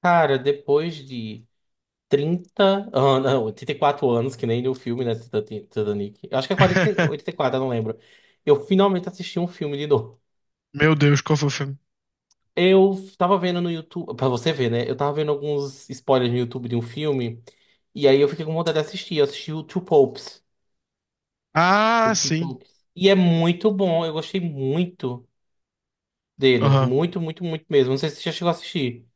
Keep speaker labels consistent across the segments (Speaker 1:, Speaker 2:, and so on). Speaker 1: Cara, depois de 30 anos, não, 84 anos, que nem no filme, né, Titanic. Eu acho que é 40, 84, eu não lembro. Eu finalmente assisti um filme de novo.
Speaker 2: Meu Deus, qual foi o filme?
Speaker 1: Eu tava vendo no YouTube, pra você ver, né? Eu tava vendo alguns spoilers no YouTube de um filme, e aí eu fiquei com vontade de assistir. Eu assisti o Two Popes. The
Speaker 2: Ah,
Speaker 1: Two
Speaker 2: sim.
Speaker 1: Popes. E é muito bom, eu gostei muito dele.
Speaker 2: Aham.
Speaker 1: Muito, muito, muito mesmo. Não sei se você já chegou a assistir.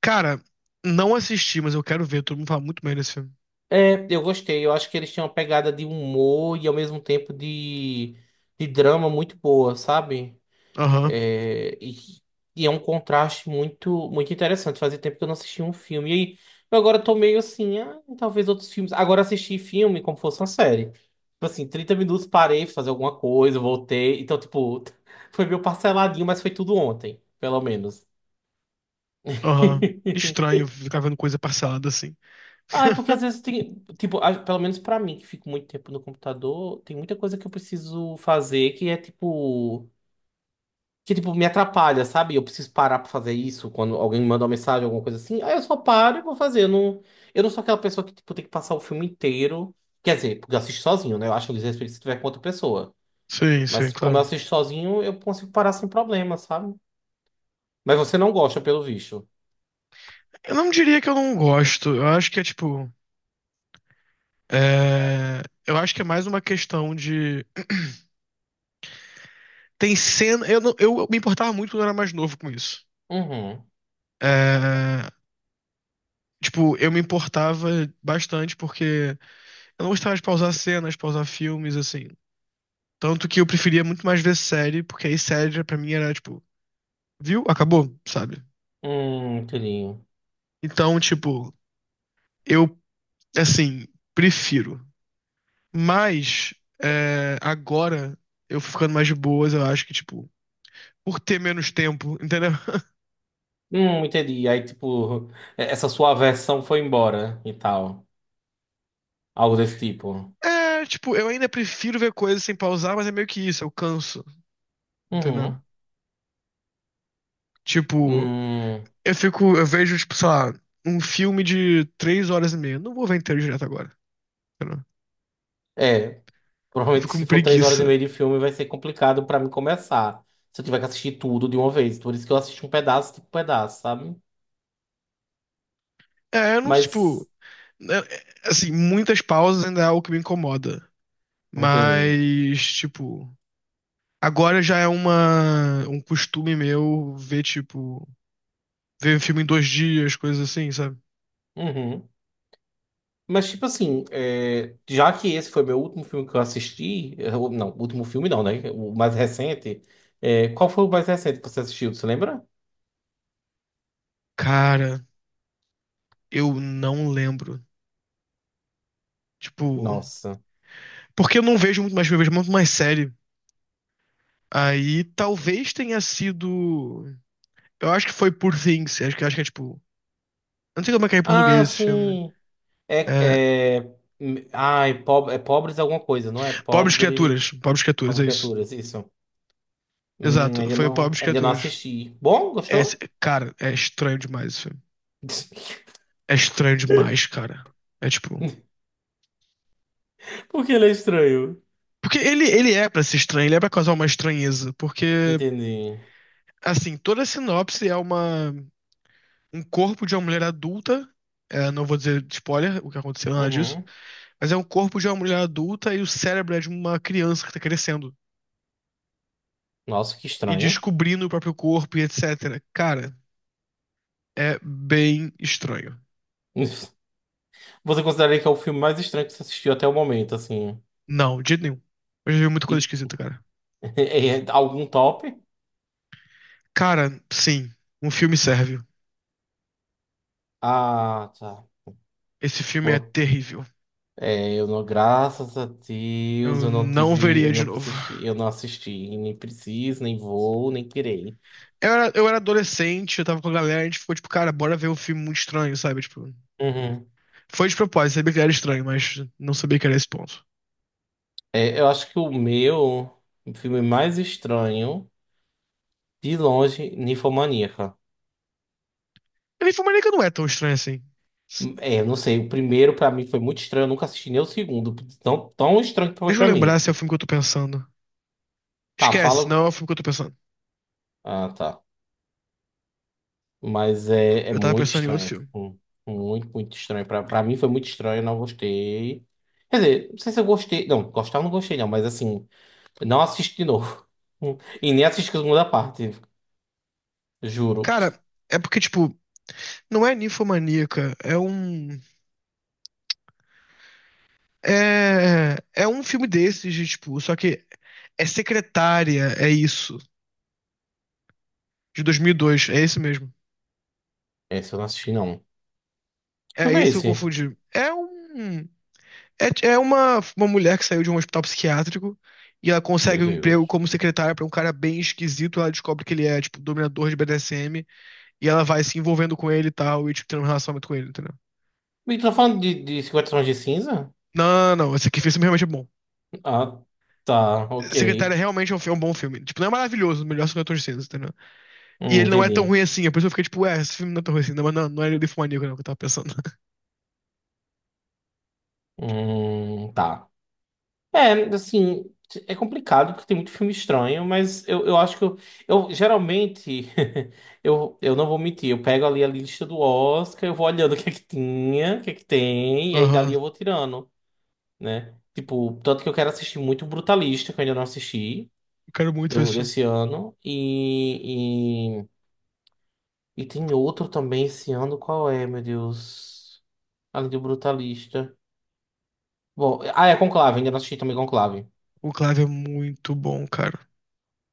Speaker 2: Cara, não assisti, mas eu quero ver. Todo mundo fala muito bem desse filme.
Speaker 1: É, eu gostei. Eu acho que eles tinham uma pegada de humor e ao mesmo tempo de, drama muito boa, sabe?
Speaker 2: Aham,
Speaker 1: É, e é um contraste muito muito interessante. Fazia tempo que eu não assistia um filme. E aí, eu agora tô meio assim, ah, talvez outros filmes. Agora assisti filme como fosse uma série. Tipo assim, 30 minutos parei, fui fazer alguma coisa, voltei. Então, tipo, foi meio parceladinho, mas foi tudo ontem, pelo menos.
Speaker 2: aham. Estranho ficar vendo coisa parcelada assim.
Speaker 1: Ah, é porque às vezes tem, tipo, pelo menos pra mim, que fico muito tempo no computador, tem muita coisa que eu preciso fazer que tipo me atrapalha, sabe? Eu preciso parar pra fazer isso quando alguém me manda uma mensagem, alguma coisa assim. Aí eu só paro e vou fazer. Eu não sou aquela pessoa que tipo tem que passar o filme inteiro. Quer dizer, porque eu assisto sozinho, né? Eu acho um desrespeito se tiver com outra pessoa.
Speaker 2: Sim, sim,
Speaker 1: Mas como eu
Speaker 2: claro.
Speaker 1: assisto sozinho, eu consigo parar sem problema, sabe? Mas você não gosta, pelo visto.
Speaker 2: Eu não diria que eu não gosto. Eu acho que é tipo. é, Eu acho que é mais uma questão de. Tem cena. Eu, não- Eu me importava muito quando eu era mais novo com isso.
Speaker 1: Uhum.
Speaker 2: É, Tipo, eu me importava bastante porque eu não gostava de pausar cenas, pausar filmes, assim. Tanto que eu preferia muito mais ver série, porque aí série já pra mim era tipo, viu? Acabou, sabe?
Speaker 1: Entendi.
Speaker 2: Então, tipo, eu, assim, prefiro. Mas, é, agora, eu ficando mais de boas, eu acho que, tipo, por ter menos tempo, entendeu?
Speaker 1: Entendi. Aí, tipo, essa sua versão foi embora, né, e tal. Algo desse tipo.
Speaker 2: É, tipo, eu ainda prefiro ver coisas sem pausar, mas é meio que isso, eu canso, entendeu?
Speaker 1: Uhum.
Speaker 2: Tipo,
Speaker 1: Hum,
Speaker 2: eu fico, eu vejo, tipo, sei lá, um filme de três horas e meia. Não vou ver inteiro direto agora, entendeu?
Speaker 1: é,
Speaker 2: Eu
Speaker 1: provavelmente
Speaker 2: fico com
Speaker 1: se for três horas e
Speaker 2: preguiça.
Speaker 1: meia de filme vai ser complicado pra mim começar. Se eu tiver que assistir tudo de uma vez. Por isso que eu assisto um pedaço, tipo, um pedaço, sabe?
Speaker 2: É, eu não, tipo,
Speaker 1: Mas,
Speaker 2: né, é, assim, muitas pausas ainda é algo que me incomoda.
Speaker 1: entendi.
Speaker 2: Mas, tipo, agora já é um costume meu ver, tipo, ver um filme em dois dias, coisas assim, sabe?
Speaker 1: Uhum. Mas, tipo assim, é, já que esse foi meu último filme que eu assisti, é, não, último filme não, né? O mais recente, é, qual foi o mais recente que você assistiu? Você lembra?
Speaker 2: Cara, eu não lembro. Tipo,
Speaker 1: Nossa.
Speaker 2: porque eu não vejo muito mais filme, eu vejo muito mais série. Aí talvez tenha sido. Eu acho que foi Poor Things. Acho que é tipo. Eu não sei como é que é em português
Speaker 1: Ah,
Speaker 2: esse filme.
Speaker 1: sim.
Speaker 2: É,
Speaker 1: É. Ai, pobre, é pobres alguma coisa, não é?
Speaker 2: Pobres
Speaker 1: Pobre.
Speaker 2: Criaturas. Pobres Criaturas,
Speaker 1: Pobre
Speaker 2: é isso.
Speaker 1: criaturas, isso.
Speaker 2: Exato,
Speaker 1: Ainda
Speaker 2: foi
Speaker 1: não,
Speaker 2: Pobres
Speaker 1: ainda não
Speaker 2: Criaturas.
Speaker 1: assisti. Bom,
Speaker 2: É,
Speaker 1: gostou?
Speaker 2: cara, é estranho demais esse filme. É estranho demais, cara. É tipo.
Speaker 1: Porque ele é estranho.
Speaker 2: Porque ele é pra ser estranho, ele é pra causar uma estranheza. Porque,
Speaker 1: Entendi.
Speaker 2: assim, toda a sinopse é uma, um corpo de uma mulher adulta. É, não vou dizer spoiler, o que aconteceu, nada disso.
Speaker 1: Uhum.
Speaker 2: Mas é um corpo de uma mulher adulta e o cérebro é de uma criança que tá crescendo.
Speaker 1: Nossa, que
Speaker 2: E
Speaker 1: estranho.
Speaker 2: descobrindo o próprio corpo e etc. Cara, é bem estranho.
Speaker 1: Você consideraria que é o filme mais estranho que você assistiu até o momento, assim?
Speaker 2: Não, de jeito nenhum. Eu já vi muita coisa
Speaker 1: E,
Speaker 2: esquisita, cara.
Speaker 1: é algum top?
Speaker 2: Cara, sim, um filme serve.
Speaker 1: Ah, tá.
Speaker 2: Esse filme é
Speaker 1: Boa.
Speaker 2: terrível.
Speaker 1: É, eu não, graças a Deus,
Speaker 2: Eu
Speaker 1: eu não
Speaker 2: não
Speaker 1: tive,
Speaker 2: veria
Speaker 1: eu não
Speaker 2: de novo.
Speaker 1: assisti, eu não assisti, nem preciso, nem vou, nem querer.
Speaker 2: Eu era adolescente, eu tava com a galera, a gente ficou tipo, cara, bora ver um filme muito estranho, sabe? Tipo,
Speaker 1: Uhum.
Speaker 2: foi de propósito, sabia que era estranho, mas não sabia que era esse ponto.
Speaker 1: É, eu acho que o meu filme mais estranho, de longe, Ninfomaníaca.
Speaker 2: A Ninfomaníaca não é tão estranho assim.
Speaker 1: É, eu não sei, o primeiro pra mim foi muito estranho, eu nunca assisti nem o segundo, tão, tão estranho que foi
Speaker 2: Deixa eu
Speaker 1: pra
Speaker 2: lembrar
Speaker 1: mim.
Speaker 2: se é o filme que eu tô pensando.
Speaker 1: Tá, fala.
Speaker 2: Esquece, não é o filme que eu tô pensando.
Speaker 1: Ah, tá. Mas é
Speaker 2: Eu tava
Speaker 1: muito
Speaker 2: pensando em outro
Speaker 1: estranho.
Speaker 2: filme.
Speaker 1: Muito, muito estranho. Pra mim foi muito estranho, eu não gostei. Quer dizer, não sei se eu gostei. Não, gostar eu não gostei, não, mas assim, não assisti de novo. E nem assisti a segunda parte, juro.
Speaker 2: Cara, é porque, tipo, não é ninfomaníaca, é um. É, é um filme desses, de, tipo, só que é secretária, é isso. De 2002, é esse mesmo.
Speaker 1: Esse eu não assisti, não. Que
Speaker 2: É
Speaker 1: filme é
Speaker 2: esse que eu
Speaker 1: esse?
Speaker 2: confundi. É um. É, é uma mulher que saiu de um hospital psiquiátrico e ela
Speaker 1: Meu
Speaker 2: consegue um emprego
Speaker 1: Deus.
Speaker 2: como secretária pra um cara bem esquisito. Ela descobre que ele é, tipo, dominador de BDSM e ela vai se envolvendo com ele e tal, e, tipo, tendo um relacionamento com ele, entendeu?
Speaker 1: E tu tá falando de, 50 tons de cinza?
Speaker 2: Não, não, não. Esse aqui esse filme realmente é bom.
Speaker 1: Ah, tá, ok.
Speaker 2: Secretária realmente é um, fi- é um bom filme. Tipo, não é maravilhoso, o melhor segundo de cinza, entendeu? E ele não é tão
Speaker 1: Entendi.
Speaker 2: ruim assim, é por isso que eu fiquei tipo, ué, esse filme não é tão ruim assim, não, mas não, não é Ninfomaníaco, não, que eu tava pensando.
Speaker 1: Tá. É, assim, é complicado porque tem muito filme estranho, mas eu acho que eu geralmente, eu não vou mentir, eu pego ali a lista do Oscar, eu vou olhando o que é que tinha, o que é que tem, e aí dali
Speaker 2: Aham,
Speaker 1: eu vou tirando, né? Tipo, tanto que eu quero assistir muito Brutalista, que eu ainda não assisti,
Speaker 2: eu quero muito ver esse filme.
Speaker 1: desse ano. E tem outro também esse ano, qual é, meu Deus? Além do Brutalista. Bom, ah, é Conclave, ainda não assisti também Conclave.
Speaker 2: Conclave é muito bom, cara.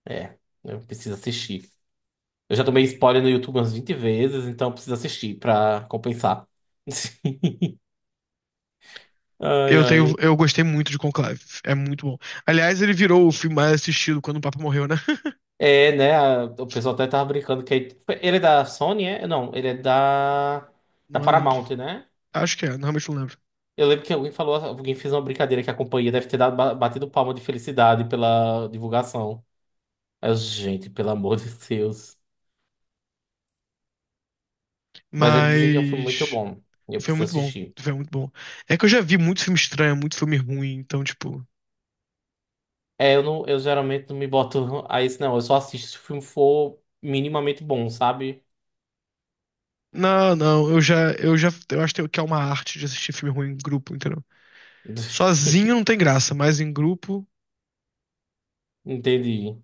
Speaker 1: É, eu preciso assistir. Eu já tomei spoiler no YouTube umas 20 vezes, então eu preciso assistir pra compensar. Ai,
Speaker 2: Eu tenho,
Speaker 1: ai.
Speaker 2: eu gostei muito de Conclave. É muito bom. Aliás, ele virou o filme mais assistido quando o Papa morreu, né?
Speaker 1: É, né? O pessoal até tava brincando que ele é da Sony, é? Não, ele é da
Speaker 2: Não lembro.
Speaker 1: Paramount, né?
Speaker 2: Acho que é, normalmente não lembro.
Speaker 1: Eu lembro que alguém falou, alguém fez uma brincadeira que a companhia deve ter dado, batido palma de felicidade pela divulgação. Aí eu, gente, pelo amor de Deus. Mas eles dizem que é um filme muito
Speaker 2: Mas
Speaker 1: bom e eu
Speaker 2: o filme é
Speaker 1: preciso
Speaker 2: muito bom.
Speaker 1: assistir.
Speaker 2: O filme é muito bom. É que eu já vi muito filme estranho, muito filme ruim, então tipo,
Speaker 1: É, eu não, eu geralmente não me boto a isso, não. Eu só assisto se o filme for minimamente bom, sabe?
Speaker 2: não, não, eu já, eu acho que é uma arte de assistir filme ruim em grupo, entendeu? Sozinho não tem graça, mas em grupo,
Speaker 1: Entendi.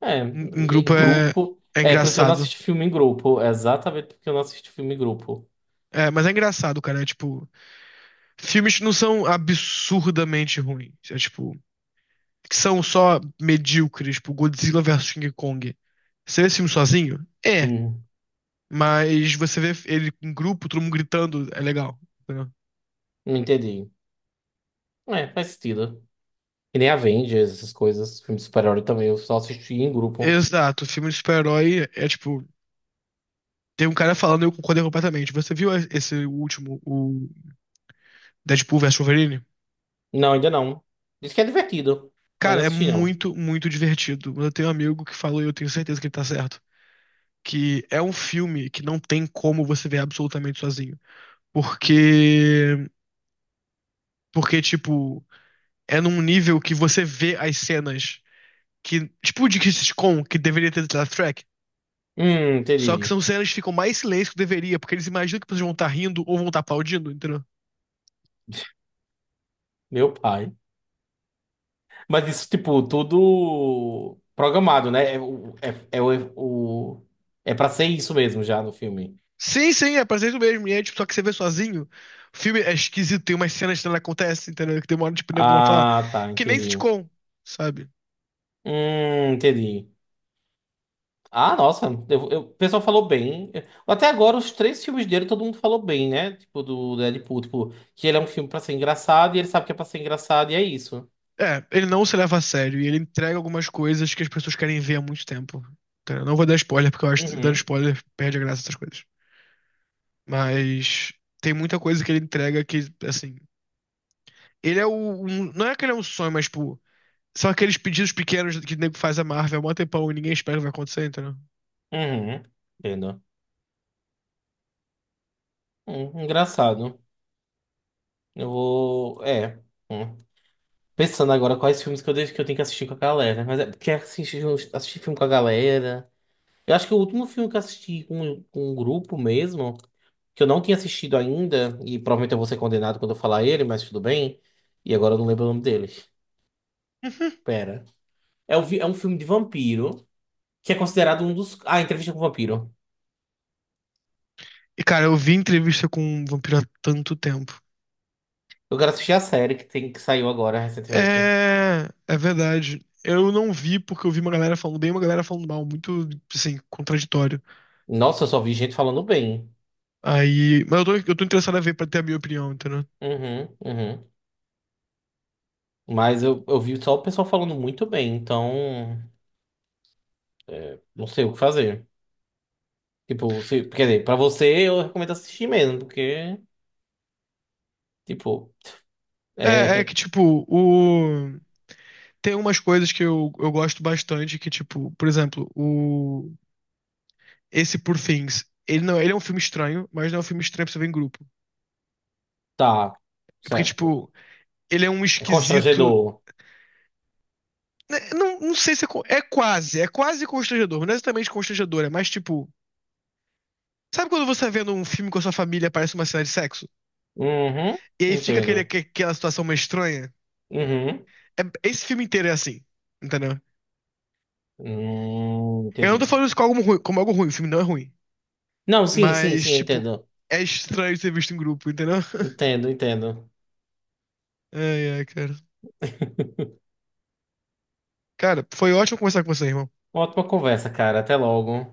Speaker 1: É,
Speaker 2: em
Speaker 1: em
Speaker 2: grupo é,
Speaker 1: grupo.
Speaker 2: é
Speaker 1: É, por isso que eu não
Speaker 2: engraçado.
Speaker 1: assisto filme em grupo. É exatamente porque eu não assisto filme em grupo.
Speaker 2: É, mas é engraçado, cara. É tipo, Filmes que não são absurdamente ruins. É tipo, que são só medíocres, tipo Godzilla versus King Kong. Você vê esse filme sozinho? É.
Speaker 1: Hum,
Speaker 2: Mas você vê ele em grupo, todo mundo gritando, é legal. Entendeu?
Speaker 1: entendi. É, faz sentido. Que nem Avengers, essas coisas, filme de super-herói também, eu só assisti em grupo.
Speaker 2: Exato, filme de super-herói é tipo. Tem um cara falando, eu concordei completamente. Você viu esse último, o Deadpool versus Wolverine?
Speaker 1: Não, ainda não. Diz que é divertido, mas
Speaker 2: Cara,
Speaker 1: não
Speaker 2: é
Speaker 1: assisti, não.
Speaker 2: muito, muito divertido. Mas eu tenho um amigo que falou, e eu tenho certeza que ele tá certo, que é um filme que não tem como você ver absolutamente sozinho. Porque. Porque, tipo, é num nível que você vê as cenas que. Tipo, de Crisis Con, que deveria ter titled track. Só que
Speaker 1: Entendi.
Speaker 2: são cenas que ficam mais silêncio que deveria, porque eles imaginam que vocês vão estar rindo ou vão estar aplaudindo, entendeu?
Speaker 1: Meu pai. Mas isso, tipo, tudo programado, né? É, é, o- é pra ser isso mesmo já no filme.
Speaker 2: Sim, sim, é pra ser isso mesmo. E é, tipo, só que você vê sozinho. O filme é esquisito, tem umas cenas que não acontecem, entendeu? Que demora, tipo, dentro de uma falar.
Speaker 1: Ah, tá,
Speaker 2: Que nem
Speaker 1: entendi.
Speaker 2: sitcom, sabe?
Speaker 1: Entendi. Ah, nossa, o pessoal falou bem. Até agora, os três filmes dele, todo mundo falou bem, né? Tipo, do Deadpool, tipo, que ele é um filme pra ser engraçado e ele sabe que é pra ser engraçado e é isso.
Speaker 2: É, ele não se leva a sério e ele entrega algumas coisas que as pessoas querem ver há muito tempo. Entendeu? Não vou dar spoiler, porque eu acho que dando
Speaker 1: Uhum,
Speaker 2: spoiler perde a graça dessas coisas. Mas tem muita coisa que ele entrega que, assim. Ele é o. um- não é que ele é um sonho, mas, tipo. São aqueles pedidos pequenos que o nego faz a Marvel há mó tempão e ninguém espera que vai acontecer, entendeu?
Speaker 1: uhum, entendo. Engraçado. Eu vou. É. Hum. Pensando agora quais filmes que deixo, que eu tenho que assistir com a galera. Mas é porque assistir, assistir filme com a galera. Eu acho que o último filme que eu assisti com, um grupo mesmo, que eu não tinha assistido ainda, e provavelmente eu vou ser condenado quando eu falar ele, mas tudo bem. E agora eu não lembro o nome dele.
Speaker 2: Uhum.
Speaker 1: Pera. É um filme de vampiro, que é considerado um dos. Ah, Entrevista com o Vampiro.
Speaker 2: E, cara, eu vi entrevista com um vampiro há tanto tempo.
Speaker 1: Eu quero assistir a série que, que saiu agora recentemente.
Speaker 2: É. É verdade. Eu não vi porque eu vi uma galera falando bem e uma galera falando mal. Muito, assim, contraditório.
Speaker 1: Nossa, eu só vi gente falando bem.
Speaker 2: Aí. Mas eu tô interessado a ver pra ter a minha opinião, entendeu?
Speaker 1: Uhum, uhum. Mas eu vi só o pessoal falando muito bem, então não sei o que fazer. Tipo, se, quer dizer, pra você eu recomendo assistir mesmo, porque, tipo,
Speaker 2: É, é
Speaker 1: é.
Speaker 2: que, tipo, o... tem umas coisas que eu gosto bastante, que, tipo, por exemplo, o... esse Poor Things, ele não, ele é um filme estranho, mas não é um filme estranho pra você ver em grupo.
Speaker 1: Tá,
Speaker 2: É Porque,
Speaker 1: certo.
Speaker 2: tipo, ele é um
Speaker 1: É
Speaker 2: esquisito...
Speaker 1: constrangedor.
Speaker 2: né, Não, não sei se é, co- é quase constrangedor, mas não é exatamente constrangedor, é mais, tipo, Sabe quando você tá vendo um filme com a sua família e aparece uma cena de sexo?
Speaker 1: Uhum,
Speaker 2: E aí fica aquele,
Speaker 1: entendo.
Speaker 2: aque- aquela situação meio estranha?
Speaker 1: Uhum.
Speaker 2: É- esse filme inteiro é assim, entendeu? Eu não tô
Speaker 1: Entendi.
Speaker 2: falando isso como algo ruim, o filme não é ruim.
Speaker 1: Não, sim, sim,
Speaker 2: Mas,
Speaker 1: sim, eu
Speaker 2: tipo,
Speaker 1: entendo.
Speaker 2: é estranho ser visto em grupo, entendeu?
Speaker 1: Entendo, entendo.
Speaker 2: Ai, ai, cara. Cara, foi ótimo conversar com você, irmão.
Speaker 1: Ótima conversa, cara. Até logo.